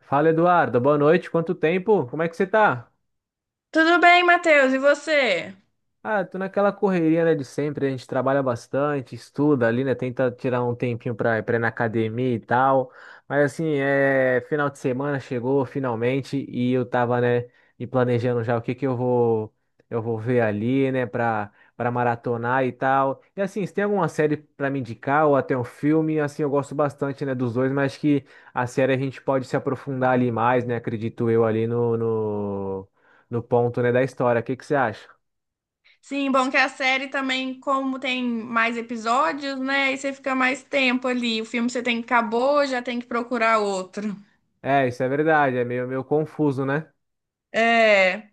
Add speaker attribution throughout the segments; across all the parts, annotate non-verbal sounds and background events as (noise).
Speaker 1: Fala, Eduardo. Boa noite. Quanto tempo? Como é que você tá?
Speaker 2: Tudo bem, Matheus, e você?
Speaker 1: Ah, tô naquela correria, né, de sempre, a gente trabalha bastante, estuda ali, né, tenta tirar um tempinho pra ir na academia e tal, mas assim, é, final de semana chegou finalmente e eu tava, né, me planejando já o que que eu vou ver ali, né, pra maratonar e tal, e assim, se tem alguma série pra me indicar ou até um filme, assim, eu gosto bastante, né, dos dois, mas que a série a gente pode se aprofundar ali mais, né, acredito eu ali no ponto, né, da história, o que que você acha?
Speaker 2: Sim, bom que a série também, como tem mais episódios, né? E você fica mais tempo ali. O filme você tem que acabou, já tem que procurar outro.
Speaker 1: É, isso é verdade, é meio confuso, né?
Speaker 2: É.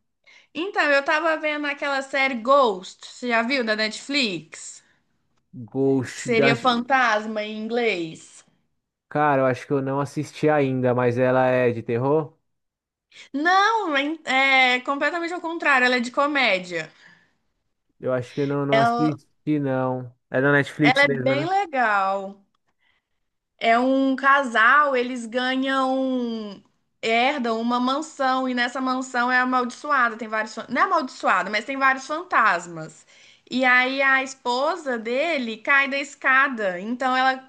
Speaker 2: Então, eu tava vendo aquela série Ghost, você já viu da Netflix? Que
Speaker 1: Ghost da...
Speaker 2: seria fantasma em inglês.
Speaker 1: Cara, eu acho que eu não assisti ainda, mas ela é de terror?
Speaker 2: Não, é completamente ao contrário, ela é de comédia.
Speaker 1: Eu acho que eu não
Speaker 2: Ela,
Speaker 1: assisti, não. É da Netflix
Speaker 2: ela é
Speaker 1: mesmo,
Speaker 2: bem
Speaker 1: né?
Speaker 2: legal. É um casal, eles ganham, herdam uma mansão e nessa mansão é amaldiçoada, tem vários, não é amaldiçoada, mas tem vários fantasmas. E aí a esposa dele cai da escada, então ela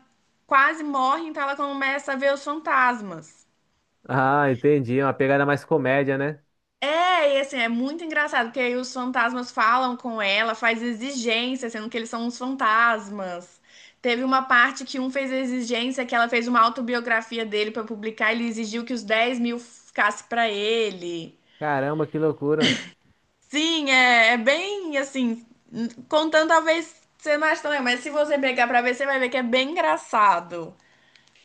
Speaker 2: quase morre, então ela começa a ver os fantasmas.
Speaker 1: Ah, entendi, é uma pegada mais comédia, né?
Speaker 2: É, e assim, é muito engraçado, porque aí os fantasmas falam com ela, faz exigência, sendo que eles são uns fantasmas. Teve uma parte que um fez exigência, que ela fez uma autobiografia dele pra publicar, ele exigiu que os 10.000 ficasse pra ele.
Speaker 1: Caramba, que loucura.
Speaker 2: Sim, é, é bem assim, contando talvez você não ache também, mas se você pegar pra ver, você vai ver que é bem engraçado.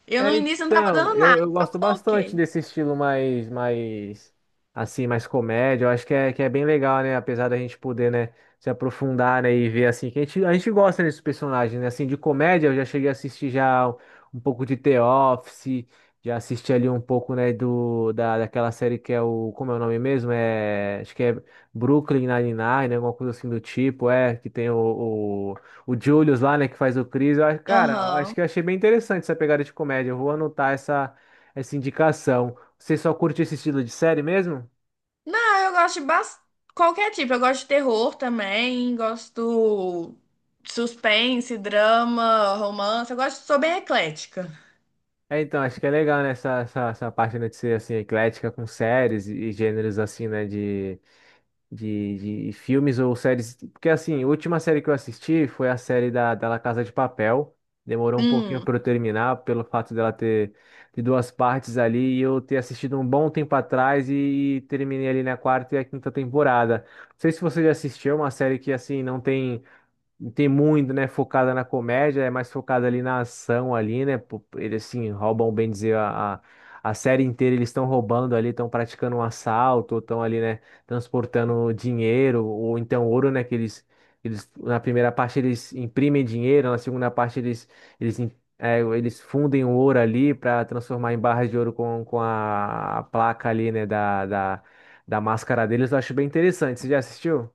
Speaker 2: Eu no
Speaker 1: É,
Speaker 2: início não tava
Speaker 1: então,
Speaker 2: dando nada,
Speaker 1: eu
Speaker 2: só
Speaker 1: gosto bastante
Speaker 2: coloquei.
Speaker 1: desse estilo mais, assim, mais comédia. Eu acho que é bem legal, né? Apesar da gente poder, né, se aprofundar, né, e ver, assim, que a gente gosta desses personagens, né? Assim, de comédia, eu já cheguei a assistir já um pouco de The Office, já assisti ali um pouco, né, daquela série que é o, como é o nome mesmo? É, acho que é Brooklyn Nine-Nine, né? Alguma coisa assim do tipo, é, que tem o Julius lá, né, que faz o Chris. Cara, eu acho
Speaker 2: Aham.
Speaker 1: que eu achei bem interessante essa pegada de comédia. Eu vou anotar essa, essa indicação. Você só curte esse estilo de série mesmo?
Speaker 2: Não, eu gosto qualquer tipo. Eu gosto de terror também, gosto de suspense, drama, romance. Eu gosto, sou bem eclética.
Speaker 1: É, então, acho que é legal, né, essa parte, né, de ser, assim, eclética com séries e gêneros, assim, né, de filmes ou séries. Porque assim, a última série que eu assisti foi a série da La Casa de Papel. Demorou um pouquinho
Speaker 2: Hum,
Speaker 1: para eu terminar, pelo fato dela ter de duas partes ali e eu ter assistido um bom tempo atrás e, terminei ali na quarta e a quinta temporada. Não sei se você já assistiu, é uma série que assim não tem muito, né, focada na comédia, é mais focada ali na ação ali, né? Pô, eles assim roubam, bem dizer, a série inteira eles estão roubando ali, estão praticando um assalto, estão ali, né, transportando dinheiro ou então ouro, né, que eles na primeira parte eles imprimem dinheiro, na segunda parte eles im- é, eles fundem o ouro ali para transformar em barras de ouro com a placa ali, né, da máscara deles. Eu acho bem interessante. Você já assistiu?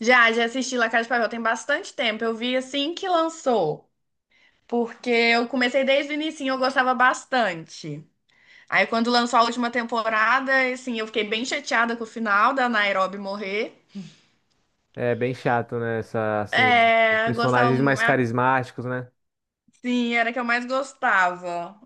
Speaker 2: já, já assisti La Casa de Papel tem bastante tempo. Eu vi assim que lançou, porque eu comecei desde o inicinho, eu gostava bastante. Aí quando lançou a última temporada, assim, eu fiquei bem chateada com o final da Nairobi morrer.
Speaker 1: É bem chato, né? Essa, assim, os
Speaker 2: É, gostava,
Speaker 1: personagens mais carismáticos, né?
Speaker 2: assim, era a que eu mais gostava.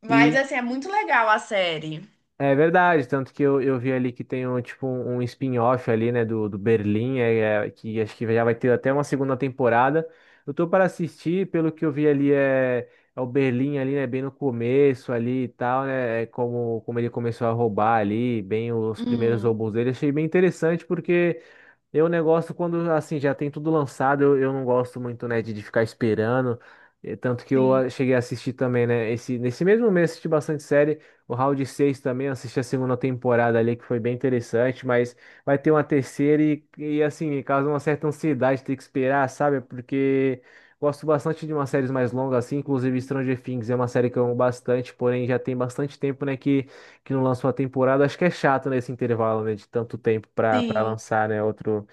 Speaker 2: Mas
Speaker 1: E
Speaker 2: assim, é muito legal a série.
Speaker 1: é verdade, tanto que eu vi ali que tem um, tipo, um spin-off ali, né, do Berlim, que acho que já vai ter até uma segunda temporada. Eu tô para assistir, pelo que eu vi ali, é, é o Berlim ali, né, bem no começo ali e tal, né, é como ele começou a roubar ali, bem os primeiros
Speaker 2: Hum,
Speaker 1: roubos dele. Achei bem interessante porque eu negócio quando assim já tem tudo lançado, eu não gosto muito, né, de ficar esperando. Tanto que eu
Speaker 2: sim,
Speaker 1: cheguei a assistir também, né? Nesse mesmo mês assisti bastante série. O Round 6 também, eu assisti a segunda temporada ali, que foi bem interessante, mas vai ter uma terceira e assim, causa uma certa ansiedade ter que esperar, sabe? Porque gosto bastante de umas séries mais longas, assim, inclusive Stranger Things é uma série que eu amo bastante, porém já tem bastante tempo, né, que não lança uma temporada. Acho que é chato nesse intervalo, né, de tanto tempo para
Speaker 2: sim.
Speaker 1: lançar, né, outro.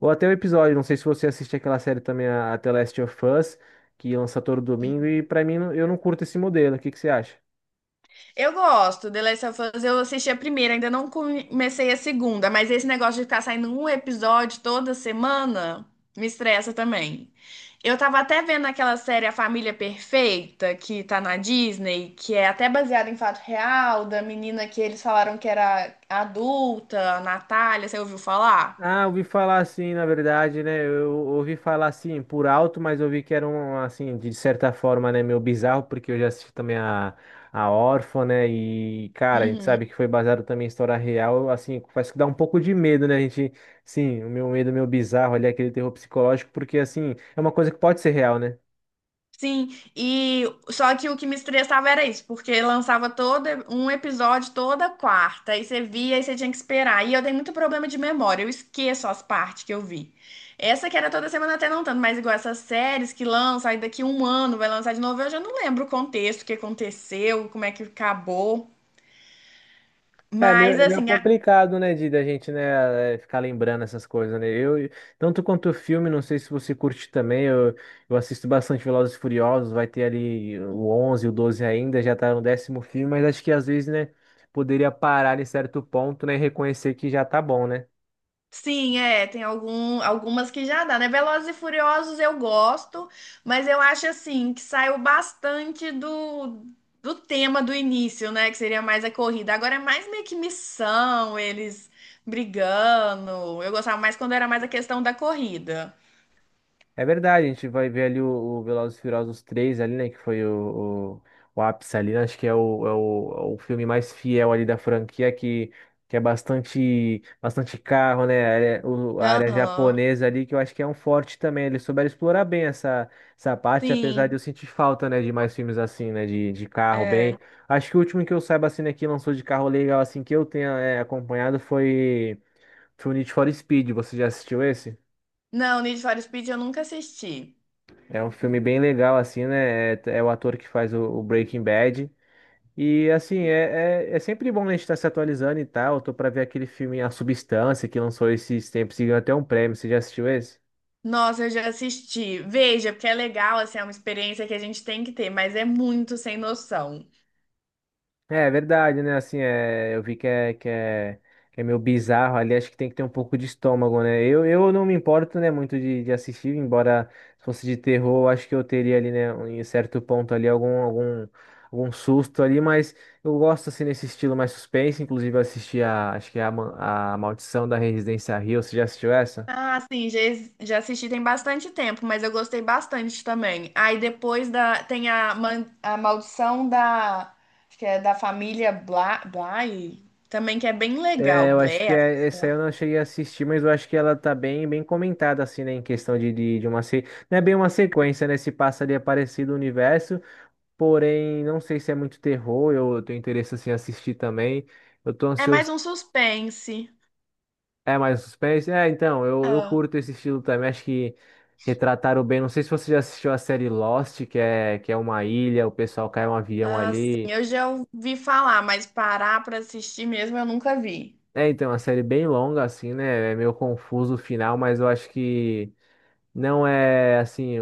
Speaker 1: Ou até o episódio, não sei se você assiste aquela série também, a The Last of Us, que lança todo domingo,
Speaker 2: Uhum.
Speaker 1: e pra mim não- eu não curto esse modelo. O que que você acha?
Speaker 2: Eu gosto. The Last of Us, eu assisti a primeira, ainda não comecei a segunda, mas esse negócio de ficar saindo um episódio toda semana me estressa também. Eu tava até vendo aquela série A Família Perfeita, que tá na Disney, que é até baseada em fato real, da menina que eles falaram que era adulta, a Natália, você ouviu falar?
Speaker 1: Ah, ouvi falar assim, na verdade, né? Eu ouvi falar assim por alto, mas ouvi que era um, assim, de certa forma, né, meio bizarro, porque eu já assisti também a Órfã, né? E, cara, a gente sabe que foi baseado também em história real, assim, faz que dá um pouco de medo, né? A gente, sim, o meu medo, meu bizarro ali, aquele terror psicológico, porque, assim, é uma coisa que pode ser real, né?
Speaker 2: Sim, e só que o que me estressava era isso, porque lançava todo um episódio toda quarta, aí você via e você tinha que esperar. E eu tenho muito problema de memória, eu esqueço as partes que eu vi. Essa que era toda semana até não tanto, mas igual essas séries que lançam, aí daqui um ano vai lançar de novo, eu já não lembro o contexto, o que aconteceu, como é que acabou.
Speaker 1: É é meio,
Speaker 2: Mas
Speaker 1: é meio
Speaker 2: assim,
Speaker 1: complicado, né, de da gente, né, ficar lembrando essas coisas, né? Eu, tanto quanto o filme, não sei se você curte também, eu assisto bastante Velozes e Furiosos, vai ter ali o 11, o 12 ainda, já tá no décimo filme, mas acho que às vezes, né, poderia parar em certo ponto, né, e reconhecer que já tá bom, né?
Speaker 2: sim, é, tem algum, algumas que já dá, né? Velozes e Furiosos eu gosto, mas eu acho assim que saiu bastante do, do tema do início, né? Que seria mais a corrida. Agora é mais meio que missão, eles brigando. Eu gostava mais quando era mais a questão da corrida.
Speaker 1: É verdade, a gente vai ver ali o Velozes e Furiosos 3 ali, né? Que foi o ápice ali, né? Acho que é o filme mais fiel ali da franquia, que é bastante, bastante carro, né? A área
Speaker 2: Aham,
Speaker 1: japonesa ali, que eu acho que é um forte também. Eles souberam explorar bem essa, essa parte, apesar de
Speaker 2: sim,
Speaker 1: eu sentir falta, né? De mais filmes assim, né? De carro
Speaker 2: é.
Speaker 1: bem. Acho que o último que eu saiba, assim, né? Que lançou de carro legal, assim, que eu tenha, é, acompanhado foi, foi o Need for Speed. Você já assistiu esse?
Speaker 2: Não, Need for Speed eu nunca assisti.
Speaker 1: É um filme bem legal, assim, né? É o ator que faz o Breaking Bad. E, assim, é sempre bom né, a gente estar se atualizando e tal. Eu tô pra ver aquele filme A Substância, que lançou esses tempos e ganhou até um prêmio. Você já assistiu esse?
Speaker 2: Nossa, eu já assisti. Veja, porque é legal, assim, é uma experiência que a gente tem que ter, mas é muito sem noção.
Speaker 1: É verdade, né? Assim, é, eu vi que é, que é meio bizarro ali, acho que tem que ter um pouco de estômago, né? Eu não me importo, né, muito de assistir, embora se fosse de terror, eu acho que eu teria ali, né, em certo ponto ali, algum susto ali, mas eu gosto, assim, nesse estilo mais suspense, inclusive eu assisti a, acho que é a, a Maldição da Residência Hill, você já assistiu essa?
Speaker 2: Ah, sim, já, já assisti tem bastante tempo, mas eu gostei bastante também. Aí depois da, tem a, a Maldição da, acho que é da família Bla, Bly, também que é bem legal,
Speaker 1: É, eu acho que
Speaker 2: Blair.
Speaker 1: é- essa aí eu não cheguei a assistir, mas eu acho que ela tá bem, bem comentada, assim, né? Em questão de uma. Se... Não é bem uma sequência, né? Se passa ali é parecido o universo, porém, não sei se é muito terror, eu tenho interesse, assim, em assistir também. Eu tô
Speaker 2: É mais
Speaker 1: ansioso.
Speaker 2: um suspense.
Speaker 1: É mais suspense? É, então, eu
Speaker 2: Ah,
Speaker 1: curto esse estilo também, acho que retrataram bem. Não sei se você já assistiu a série Lost, que é uma ilha, o pessoal cai um avião
Speaker 2: ah, sim,
Speaker 1: ali.
Speaker 2: eu já ouvi falar, mas parar pra assistir mesmo eu nunca vi.
Speaker 1: É, então, é uma série bem longa, assim, né? É meio confuso o final, mas eu acho que. Não é assim,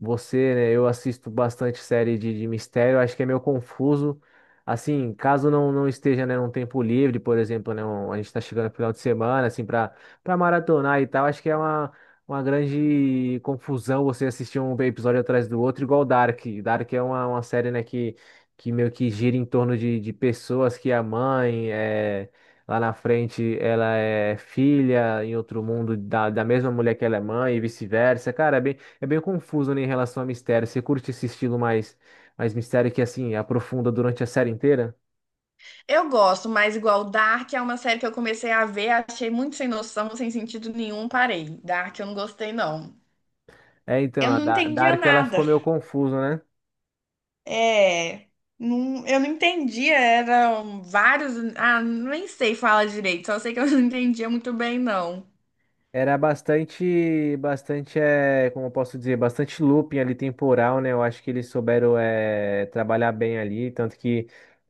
Speaker 1: você, né? Eu assisto bastante série de mistério, acho que é meio confuso. Assim, caso não esteja, né, num tempo livre, por exemplo, né, a gente tá chegando no final de semana, assim, para maratonar e tal, acho que é uma grande confusão você assistir um episódio atrás do outro, igual Dark. Dark é uma série, né, que meio que gira em torno de pessoas que a mãe é. Lá na frente, ela é filha em outro mundo da mesma mulher que ela é mãe e vice-versa. Cara, é bem, confuso, né, em relação a mistério. Você curte esse estilo mais mistério que, assim, aprofunda durante a série inteira?
Speaker 2: Eu gosto, mas igual Dark é uma série que eu comecei a ver, achei muito sem noção, sem sentido nenhum, parei. Dark eu não gostei, não.
Speaker 1: É, então,
Speaker 2: Eu não entendia
Speaker 1: Dark, ela ficou
Speaker 2: nada.
Speaker 1: meio confusa, né?
Speaker 2: É, não, eu não entendia, eram vários, ah, nem sei falar direito, só sei que eu (laughs) não entendia muito bem, não.
Speaker 1: Era bastante, bastante, é, como eu posso dizer, bastante looping ali temporal, né? Eu acho que eles souberam, é, trabalhar bem ali, tanto que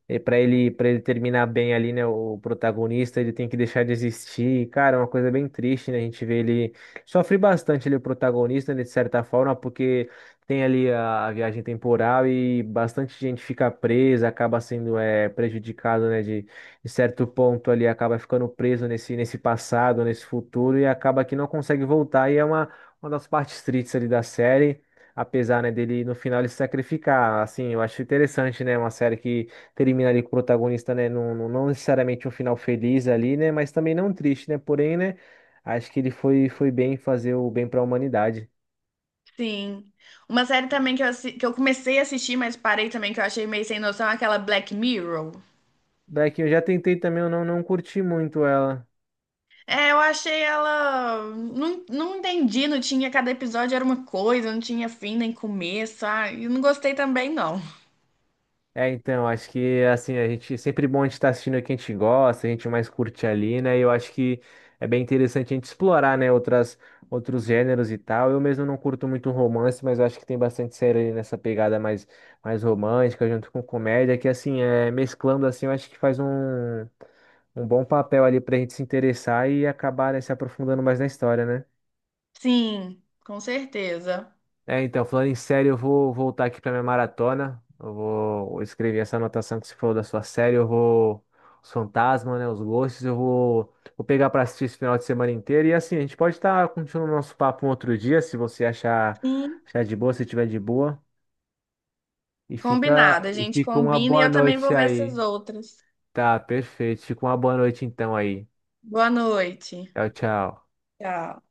Speaker 1: e para ele terminar bem ali, né, o protagonista, ele tem que deixar de existir. Cara, é uma coisa bem triste, né? A gente vê ele sofre bastante ali o protagonista, né, de certa forma, porque tem ali a viagem temporal e bastante gente fica presa, acaba sendo é, prejudicado, né, de certo ponto ali, acaba ficando preso nesse passado, nesse futuro e acaba que não consegue voltar e é uma das partes tristes ali da série. Apesar, né, dele no final ele se sacrificar, assim, eu acho interessante, né, uma série que termina ali com o protagonista, né? Não, não, não necessariamente um final feliz ali, né? Mas também não triste, né? Porém, né? Acho que ele foi bem fazer o bem para a humanidade.
Speaker 2: Sim. Uma série também que eu, que eu comecei a assistir, mas parei também, que eu achei meio sem noção, é aquela Black Mirror.
Speaker 1: Black, eu já tentei também, eu não curti muito ela.
Speaker 2: É, eu achei ela. Não, não entendi, não tinha. Cada episódio era uma coisa, não tinha fim nem começo. Ah, e não gostei também, não.
Speaker 1: É, então, acho que assim, a gente sempre bom a gente estar assistindo o que a gente gosta, a gente mais curte ali, né? E eu acho que é bem interessante a gente explorar, né, outras outros gêneros e tal. Eu mesmo não curto muito romance, mas eu acho que tem bastante série ali nessa pegada mais romântica junto com comédia, que assim, é mesclando assim, eu acho que faz um um bom papel ali pra gente se interessar e acabar, né, se aprofundando mais na história, né?
Speaker 2: Sim, com certeza.
Speaker 1: É, então, falando em série, eu vou voltar aqui para minha maratona. Eu vou escrever essa anotação que você falou da sua série. Eu vou. Os fantasmas, né? Os gostos. Eu vou pegar para assistir esse final de semana inteiro. E assim, a gente pode estar continuando o nosso papo um outro dia, se você
Speaker 2: Sim.
Speaker 1: achar de boa, se tiver de boa. E
Speaker 2: Combinado, a gente
Speaker 1: fica uma
Speaker 2: combina e
Speaker 1: boa
Speaker 2: eu também vou
Speaker 1: noite
Speaker 2: ver essas
Speaker 1: aí.
Speaker 2: outras.
Speaker 1: Tá, perfeito. Fica uma boa noite então aí.
Speaker 2: Boa noite.
Speaker 1: Tchau, tchau.
Speaker 2: Tchau.